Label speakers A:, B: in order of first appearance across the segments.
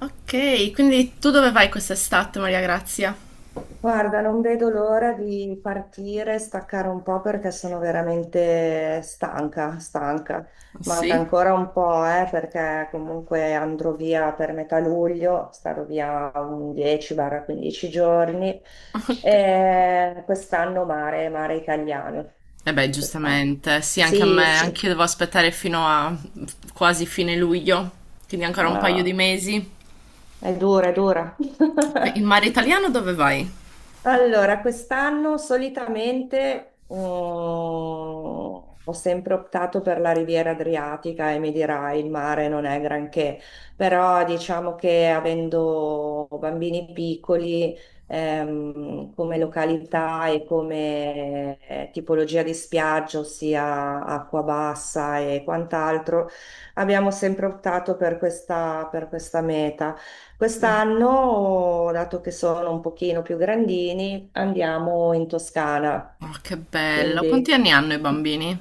A: Ok, quindi tu dove vai quest'estate, Maria Grazia?
B: Guarda, non vedo l'ora di partire, staccare un po' perché sono veramente stanca, stanca. Manca
A: Sì?
B: ancora un po', perché comunque andrò via per metà luglio, starò via un 10-15 giorni.
A: Ok.
B: E quest'anno mare, mare italiano.
A: E beh,
B: Quest'anno.
A: giustamente, sì, anche a
B: Sì,
A: me,
B: sì.
A: anche io devo aspettare fino a quasi fine luglio, quindi ancora un paio di
B: Ah,
A: mesi.
B: è dura, è dura.
A: In mare italiano dove vai?
B: Allora, quest'anno solitamente ho sempre optato per la Riviera Adriatica e mi dirai il mare non è granché, però diciamo che avendo bambini piccoli, come località e come tipologia di spiaggia, ossia acqua bassa e quant'altro, abbiamo sempre optato per questa meta.
A: Mm.
B: Quest'anno, dato che sono un pochino più grandini, andiamo in Toscana.
A: Oh, che bello. Quanti
B: Quindi,
A: anni hanno i bambini?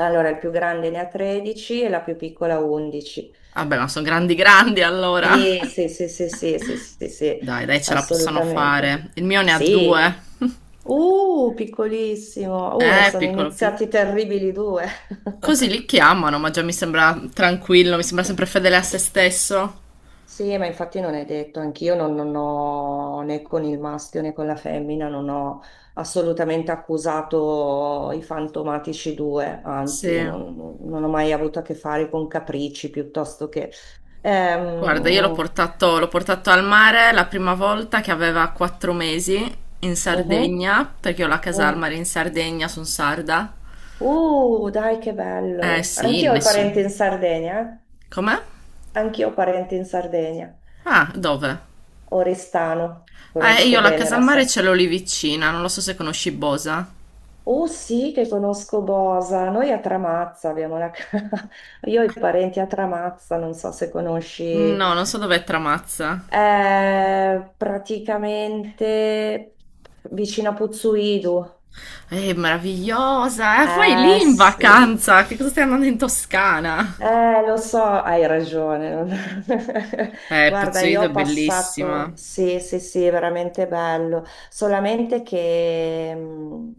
B: allora, il più grande ne ha 13 e la più piccola 11.
A: Vabbè, ma sono grandi grandi allora.
B: Sì, sì, sì, sì, sì, sì, sì, sì,
A: Dai, dai, ce la possono
B: assolutamente.
A: fare. Il mio ne ha
B: Sì.
A: due.
B: Piccolissimo. E sono
A: Piccolo piccolo.
B: iniziati i terribili due.
A: Così li chiamano, ma già mi sembra tranquillo, mi sembra sempre fedele a se stesso.
B: Sì, ma infatti non è detto, anch'io non ho né con il maschio né con la femmina, non ho assolutamente accusato i fantomatici due, anzi
A: Sì.
B: non ho mai avuto a che fare con capricci piuttosto che...
A: Guarda, io l'ho
B: Ehm,
A: portato, l'ho portato al mare la prima volta che aveva quattro mesi in
B: mhm,
A: Sardegna, perché ho la casa al
B: mm.
A: mare in Sardegna, sono sarda.
B: Dai che
A: Eh
B: bello!
A: sì,
B: Anch'io ho parenti
A: nessuno.
B: in Sardegna, eh?
A: Com'è?
B: Anch'io ho parenti in Sardegna,
A: Ah, dove?
B: Oristano,
A: Io
B: conosco
A: la
B: bene
A: casa al
B: la
A: mare
B: Sardegna.
A: ce l'ho lì vicina, non lo so se conosci Bosa.
B: Oh sì, che conosco Bosa. Noi a Tramazza abbiamo la casa. Io ho i parenti a Tramazza, non so se conosci.
A: No, non so dov'è Tramazza.
B: È praticamente vicino a Puzzuidu.
A: Meravigliosa, vai lì
B: Eh
A: in
B: sì.
A: vacanza, che cosa stai andando in Toscana?
B: Lo so, hai ragione. Guarda,
A: Pozzoido
B: io ho
A: è bellissima.
B: passato, sì, sì, sì, è veramente bello, solamente che,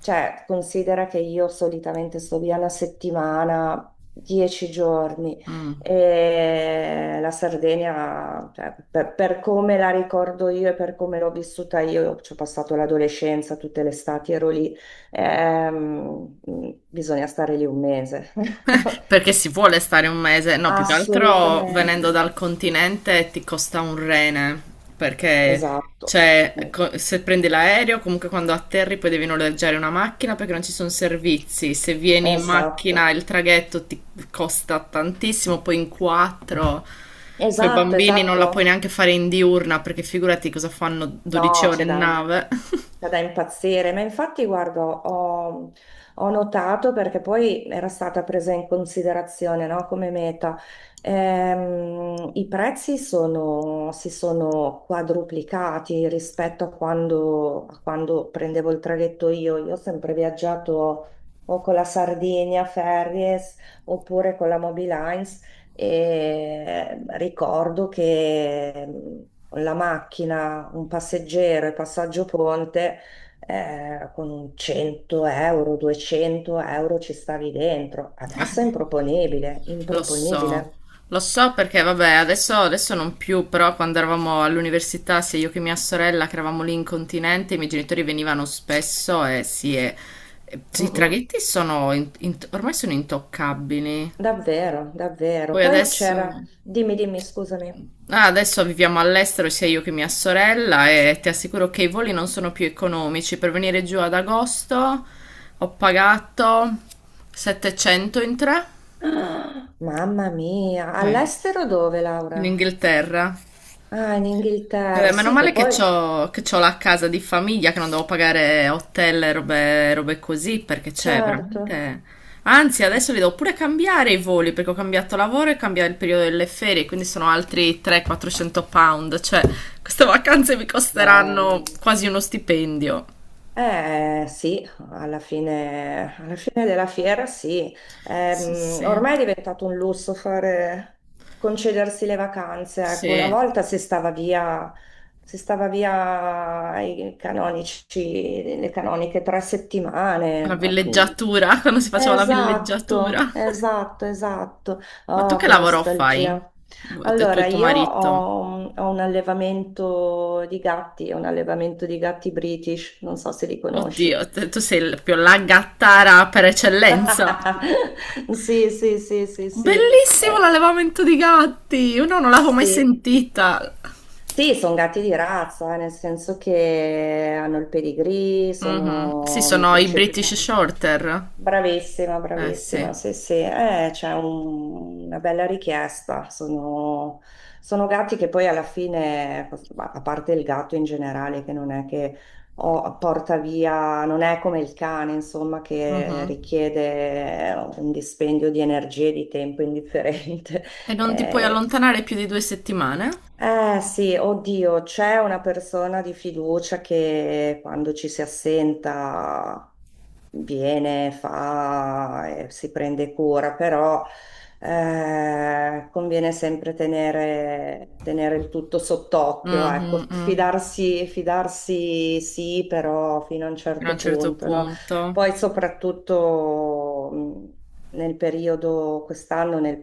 B: cioè, considera che io solitamente sto via una settimana, dieci giorni,
A: Mm.
B: e la Sardegna, cioè, per come la ricordo io e per come l'ho vissuta io, ci ho passato l'adolescenza, tutte le estati ero lì, ehm, bisogna stare lì un mese.
A: Perché si vuole stare un mese, no, più che altro venendo
B: Assolutamente.
A: dal continente ti costa un rene, perché
B: Esatto, eh,
A: se prendi l'aereo, comunque quando atterri poi devi noleggiare una macchina perché non ci sono servizi, se vieni in macchina
B: esatto,
A: il traghetto ti costa tantissimo, poi in quattro, coi
B: esatto,
A: bambini non la puoi
B: esatto.
A: neanche fare in diurna perché figurati cosa fanno 12
B: No,
A: ore
B: c'è
A: in
B: da...
A: nave.
B: Cioè, da impazzire, ma infatti, guardo, ho, ho notato perché poi era stata presa in considerazione, no, come meta. I prezzi sono, si sono quadruplicati rispetto a a quando prendevo il traghetto io. Io ho sempre viaggiato o con la Sardinia Ferries oppure con la Mobilines e ricordo che la macchina, un passeggero e passaggio ponte, con un 100 euro, 200 euro ci stavi dentro. Adesso è improponibile,
A: Lo so,
B: improponibile.
A: lo so perché vabbè, adesso non più, però quando eravamo all'università, sia io che mia sorella, che eravamo lì in continente, i miei genitori venivano spesso e sì, e i
B: Mm-mm.
A: traghetti sono ormai sono intoccabili.
B: Davvero, davvero.
A: Poi
B: Poi
A: adesso,
B: c'era, dimmi, dimmi, scusami.
A: ah, adesso viviamo all'estero, sia io che mia sorella, e ti assicuro che i voli non sono più economici. Per venire giù ad agosto ho pagato 700 in tre,
B: Ah, mamma mia,
A: eh,
B: all'estero dove,
A: in
B: Laura?
A: Inghilterra.
B: Ah, in
A: Eh beh,
B: Inghilterra,
A: meno
B: sì, che
A: male che
B: poi,
A: c'ho, che c'ho la casa di famiglia, che non devo pagare hotel e robe, robe così, perché c'è
B: certo.
A: veramente... Anzi, adesso li devo pure cambiare i voli, perché ho cambiato lavoro e cambia il periodo delle ferie, quindi sono altri 300-400 pound, cioè queste vacanze mi costeranno
B: Mamma.
A: quasi uno stipendio.
B: Eh sì, alla fine della fiera sì.
A: Sì, sì,
B: Ormai è diventato un lusso fare, concedersi le vacanze. Ecco, una
A: sì,
B: volta si stava via i canonici, le canoniche tre
A: la
B: settimane.
A: villeggiatura, quando si faceva la villeggiatura.
B: Esatto, esatto, esatto.
A: Ma tu
B: Oh,
A: che
B: che
A: lavoro fai?
B: nostalgia.
A: Tu
B: Allora,
A: e tuo
B: io
A: marito?
B: ho, ho un allevamento di gatti, un allevamento di gatti British, non so se li
A: Oddio,
B: conosci.
A: tu sei il più la gattara per eccellenza.
B: Sì, sì, sì, sì, sì.
A: Bellissimo
B: Eh,
A: l'allevamento di gatti! Io no, non l'avevo mai
B: sì.
A: sentita.
B: Sì, sono gatti di razza, nel senso che hanno il pedigree,
A: Mhm. Sì,
B: sono
A: sono i British
B: microceppati.
A: Shorter.
B: Bravissima,
A: Eh sì.
B: bravissima, sì, sì, c'è un- una bella richiesta. Sono, sono gatti che poi alla fine, a parte il gatto in generale, che non è che oh, porta via, non è come il cane, insomma, che
A: Mhm.
B: richiede un dispendio di energie e di tempo indifferente.
A: E non ti puoi
B: Eh,
A: allontanare più di due settimane?
B: eh sì, oddio, c'è una persona di fiducia che quando ci si assenta viene, fa e si prende cura, però conviene sempre tenere, tenere il tutto sott'occhio, ecco,
A: Mhm, mm.
B: fidarsi, fidarsi sì, però fino a un
A: Fino a un
B: certo
A: certo
B: punto, no?
A: punto.
B: Poi soprattutto nel periodo, quest'anno, nel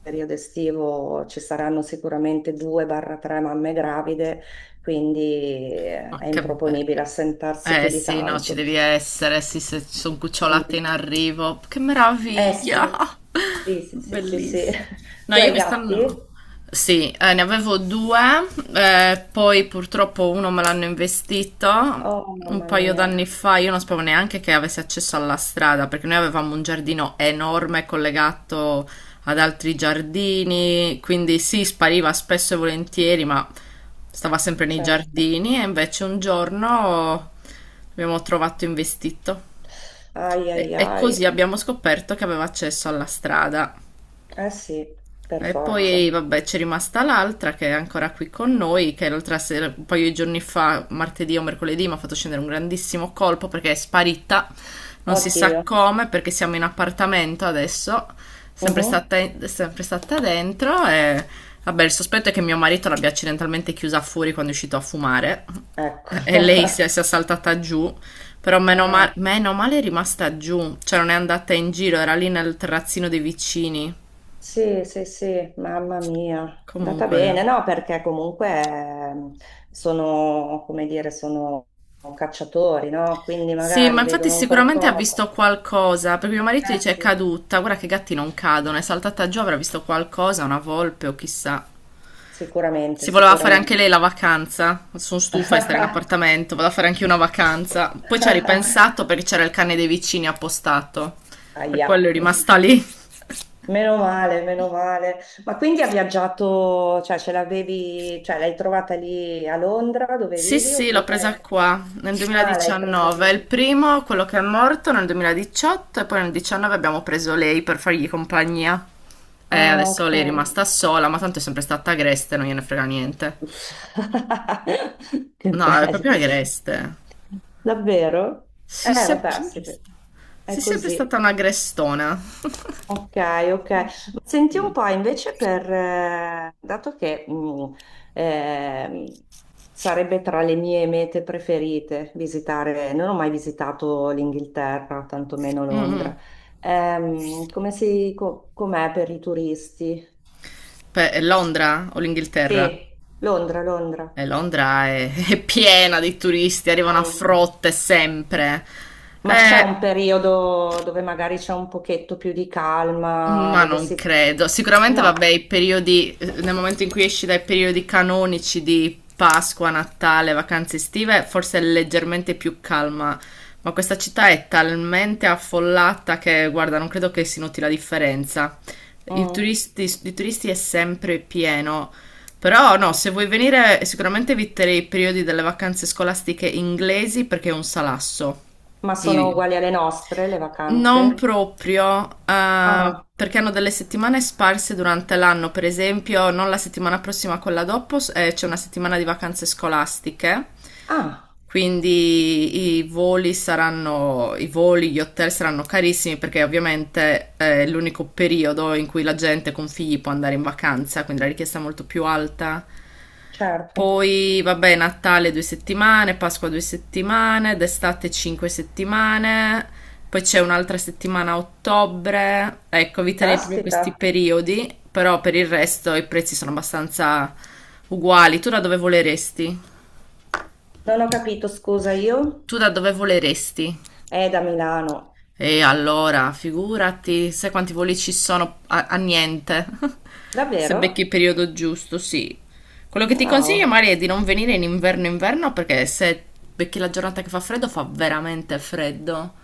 B: periodo estivo ci saranno sicuramente due barra tre mamme gravide, quindi
A: Ma
B: è
A: che bello.
B: improponibile assentarsi più
A: Eh
B: di
A: sì, no, ci
B: tanto.
A: devi essere, sì, se ci sono
B: Sì.
A: cucciolate in arrivo. Che
B: Eh
A: meraviglia!
B: sì, sì, sì, sì, sì, sì.
A: Bellissimo. No,
B: Tu
A: io
B: hai
A: quest'anno...
B: gatti?
A: Sì, ne avevo due, poi purtroppo uno me l'hanno investito
B: Oh
A: un
B: mamma
A: paio
B: mia,
A: d'anni fa. Io non sapevo neanche che avesse accesso alla strada, perché noi avevamo un giardino enorme collegato ad altri giardini, quindi sì, spariva spesso e volentieri, ma stava sempre nei
B: certo.
A: giardini e invece un giorno abbiamo trovato investito.
B: Ai ai
A: E
B: ai.
A: così abbiamo scoperto che aveva accesso alla strada.
B: Eh sì, per
A: E poi,
B: forza.
A: vabbè, c'è rimasta l'altra che è ancora qui con noi, che l'altra sera, un paio di giorni fa, martedì o mercoledì, mi ha fatto scendere un grandissimo colpo perché è sparita, non si sa
B: Oddio.
A: come, perché siamo in appartamento adesso, sempre
B: Mhm.
A: stata, sempre stata dentro e, vabbè, il sospetto è che mio marito l'abbia accidentalmente chiusa fuori quando è uscito a fumare e
B: Ecco.
A: si è saltata giù, però
B: Ah.
A: meno male è rimasta giù, cioè non è andata in giro, era lì nel terrazzino dei vicini.
B: Sì, sì, sì, mamma mia, è andata
A: Comunque...
B: bene, no, perché comunque sono, come dire, sono cacciatori, no? Quindi
A: Sì, ma
B: magari
A: infatti
B: vedono un
A: sicuramente ha
B: qualcosa.
A: visto qualcosa, perché mio marito
B: Eh
A: dice è
B: sì,
A: caduta, guarda che i gatti non cadono, è saltata giù, avrà visto qualcosa, una volpe o chissà.
B: sicuramente,
A: Si voleva fare anche
B: sicuramente.
A: lei la vacanza, sono stufa di stare in appartamento, vado a fare anche io una vacanza. Poi ci ha ripensato perché c'era il cane dei vicini appostato, per
B: Ahia.
A: quello è rimasta lì.
B: Meno male, meno male. Ma quindi ha viaggiato, cioè ce l'avevi, cioè l'hai trovata lì a Londra dove
A: Sì,
B: vivi
A: sì, l'ho presa
B: oppure...
A: qua nel
B: Ah, l'hai presa
A: 2019.
B: lì.
A: Il primo, quello che è morto nel 2018 e poi nel 2019 abbiamo preso lei per fargli compagnia. E
B: Ah,
A: adesso
B: ok.
A: lei è rimasta sola, ma tanto è sempre stata agreste, non gliene frega niente.
B: Che
A: No, è
B: bello,
A: proprio agreste.
B: davvero?
A: Sì,
B: Vabbè, sì, beh, è
A: sì, sempre stata
B: così.
A: una agrestona.
B: Ok, ok. Ma senti un po' invece per, dato che ehm, sarebbe tra le mie mete preferite visitare, non ho mai visitato l'Inghilterra, tantomeno
A: Mm-mm.
B: Londra. Come si, com'è per i turisti?
A: È Londra o l'Inghilterra?
B: Sì, Londra, Londra.
A: E Londra è, è piena di turisti, arrivano a
B: Mm.
A: frotte sempre.
B: Ma c'è un
A: Eh,
B: periodo dove magari c'è un pochetto più di calma,
A: Ma
B: dove
A: non
B: si...
A: credo. Sicuramente, vabbè, i
B: No,
A: periodi, nel momento in cui esci dai periodi canonici di Pasqua, Natale, vacanze estive, forse è leggermente più calma. Ma questa città è talmente affollata che, guarda, non credo che si noti la differenza. I
B: mm.
A: turisti, di turisti è sempre pieno. Però no, se vuoi venire, sicuramente eviterei i periodi delle vacanze scolastiche inglesi perché è un salasso.
B: Ma sono
A: I-
B: uguali alle nostre le
A: Non
B: vacanze?
A: proprio,
B: Ah,
A: perché hanno delle settimane sparse durante l'anno, per esempio, non la settimana prossima, quella dopo, c'è una settimana di vacanze scolastiche,
B: ah,
A: quindi i voli, gli hotel saranno carissimi perché ovviamente è l'unico periodo in cui la gente con figli può andare in vacanza, quindi la richiesta è molto più alta.
B: certo.
A: Poi, vabbè, Natale due settimane, Pasqua due settimane, d'estate cinque settimane, poi c'è un'altra settimana a ottobre. Ecco, eviterei proprio
B: Caspita,
A: questi periodi, però per il resto i prezzi sono abbastanza uguali. Tu da dove voleresti?
B: non ho capito, scusa, io?
A: Tu da dove voleresti?
B: È da Milano.
A: E allora, figurati, sai quanti voli ci sono a, a niente. Se becchi
B: Davvero?
A: il periodo giusto, sì. Quello che ti consiglio,
B: Wow.
A: Mari, è di non venire in inverno inverno perché se becchi la giornata che fa freddo, fa veramente freddo.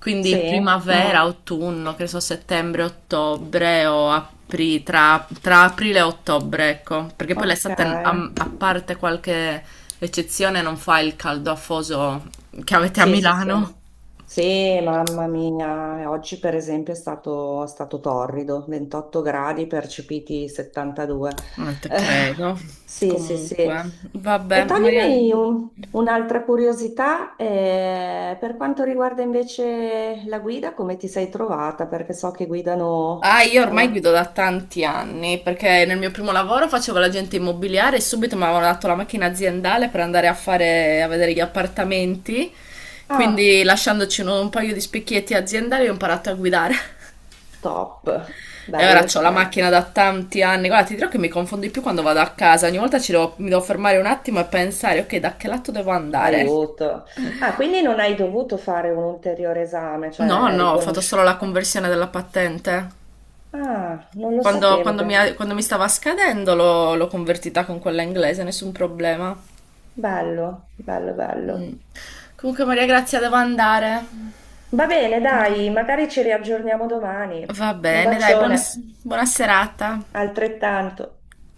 A: Quindi
B: Sì,
A: primavera,
B: mm.
A: autunno, che ne so, settembre, ottobre o tra, tra aprile e ottobre, ecco. Perché poi
B: Ok.
A: l'estate, a parte qualche eccezione, non fa il caldo afoso che avete a
B: Sì, sì, sì.
A: Milano.
B: Sì, mamma mia, oggi per esempio è stato torrido, 28 gradi percepiti 72.
A: Non te
B: Eh,
A: credo.
B: sì, sì, sì.
A: Comunque, vabbè,
B: E
A: Maria.
B: toglimi un'altra curiosità, per quanto riguarda invece la guida, come ti sei trovata? Perché so che guidano
A: Ah, io ormai
B: dalla...
A: guido da tanti anni perché nel mio primo lavoro facevo l'agente immobiliare e subito mi avevano dato la macchina aziendale per andare a fare, a vedere gli appartamenti.
B: Ah,
A: Quindi, lasciandoci un paio di specchietti aziendali, ho imparato a guidare.
B: top,
A: E ora ho
B: bello,
A: la
B: bello.
A: macchina da tanti anni. Guarda, ti dirò che mi confondo di più quando vado a casa. Ogni volta ci mi devo fermare un attimo e pensare, ok, da che lato devo andare?
B: Aiuto. Ah, quindi non hai dovuto fare un ulteriore esame, cioè
A: No,
B: è
A: no, ho fatto solo la
B: riconosciuto.
A: conversione della patente.
B: Ah, non lo sapevo.
A: Quando mi stava scadendo l'ho convertita con quella inglese, nessun problema.
B: Bello, bello,
A: Mm.
B: bello.
A: Comunque, Maria Grazia, devo andare.
B: Va bene, dai, magari ci riaggiorniamo domani.
A: Va
B: Un
A: bene, dai, buona,
B: bacione,
A: buona serata.
B: altrettanto.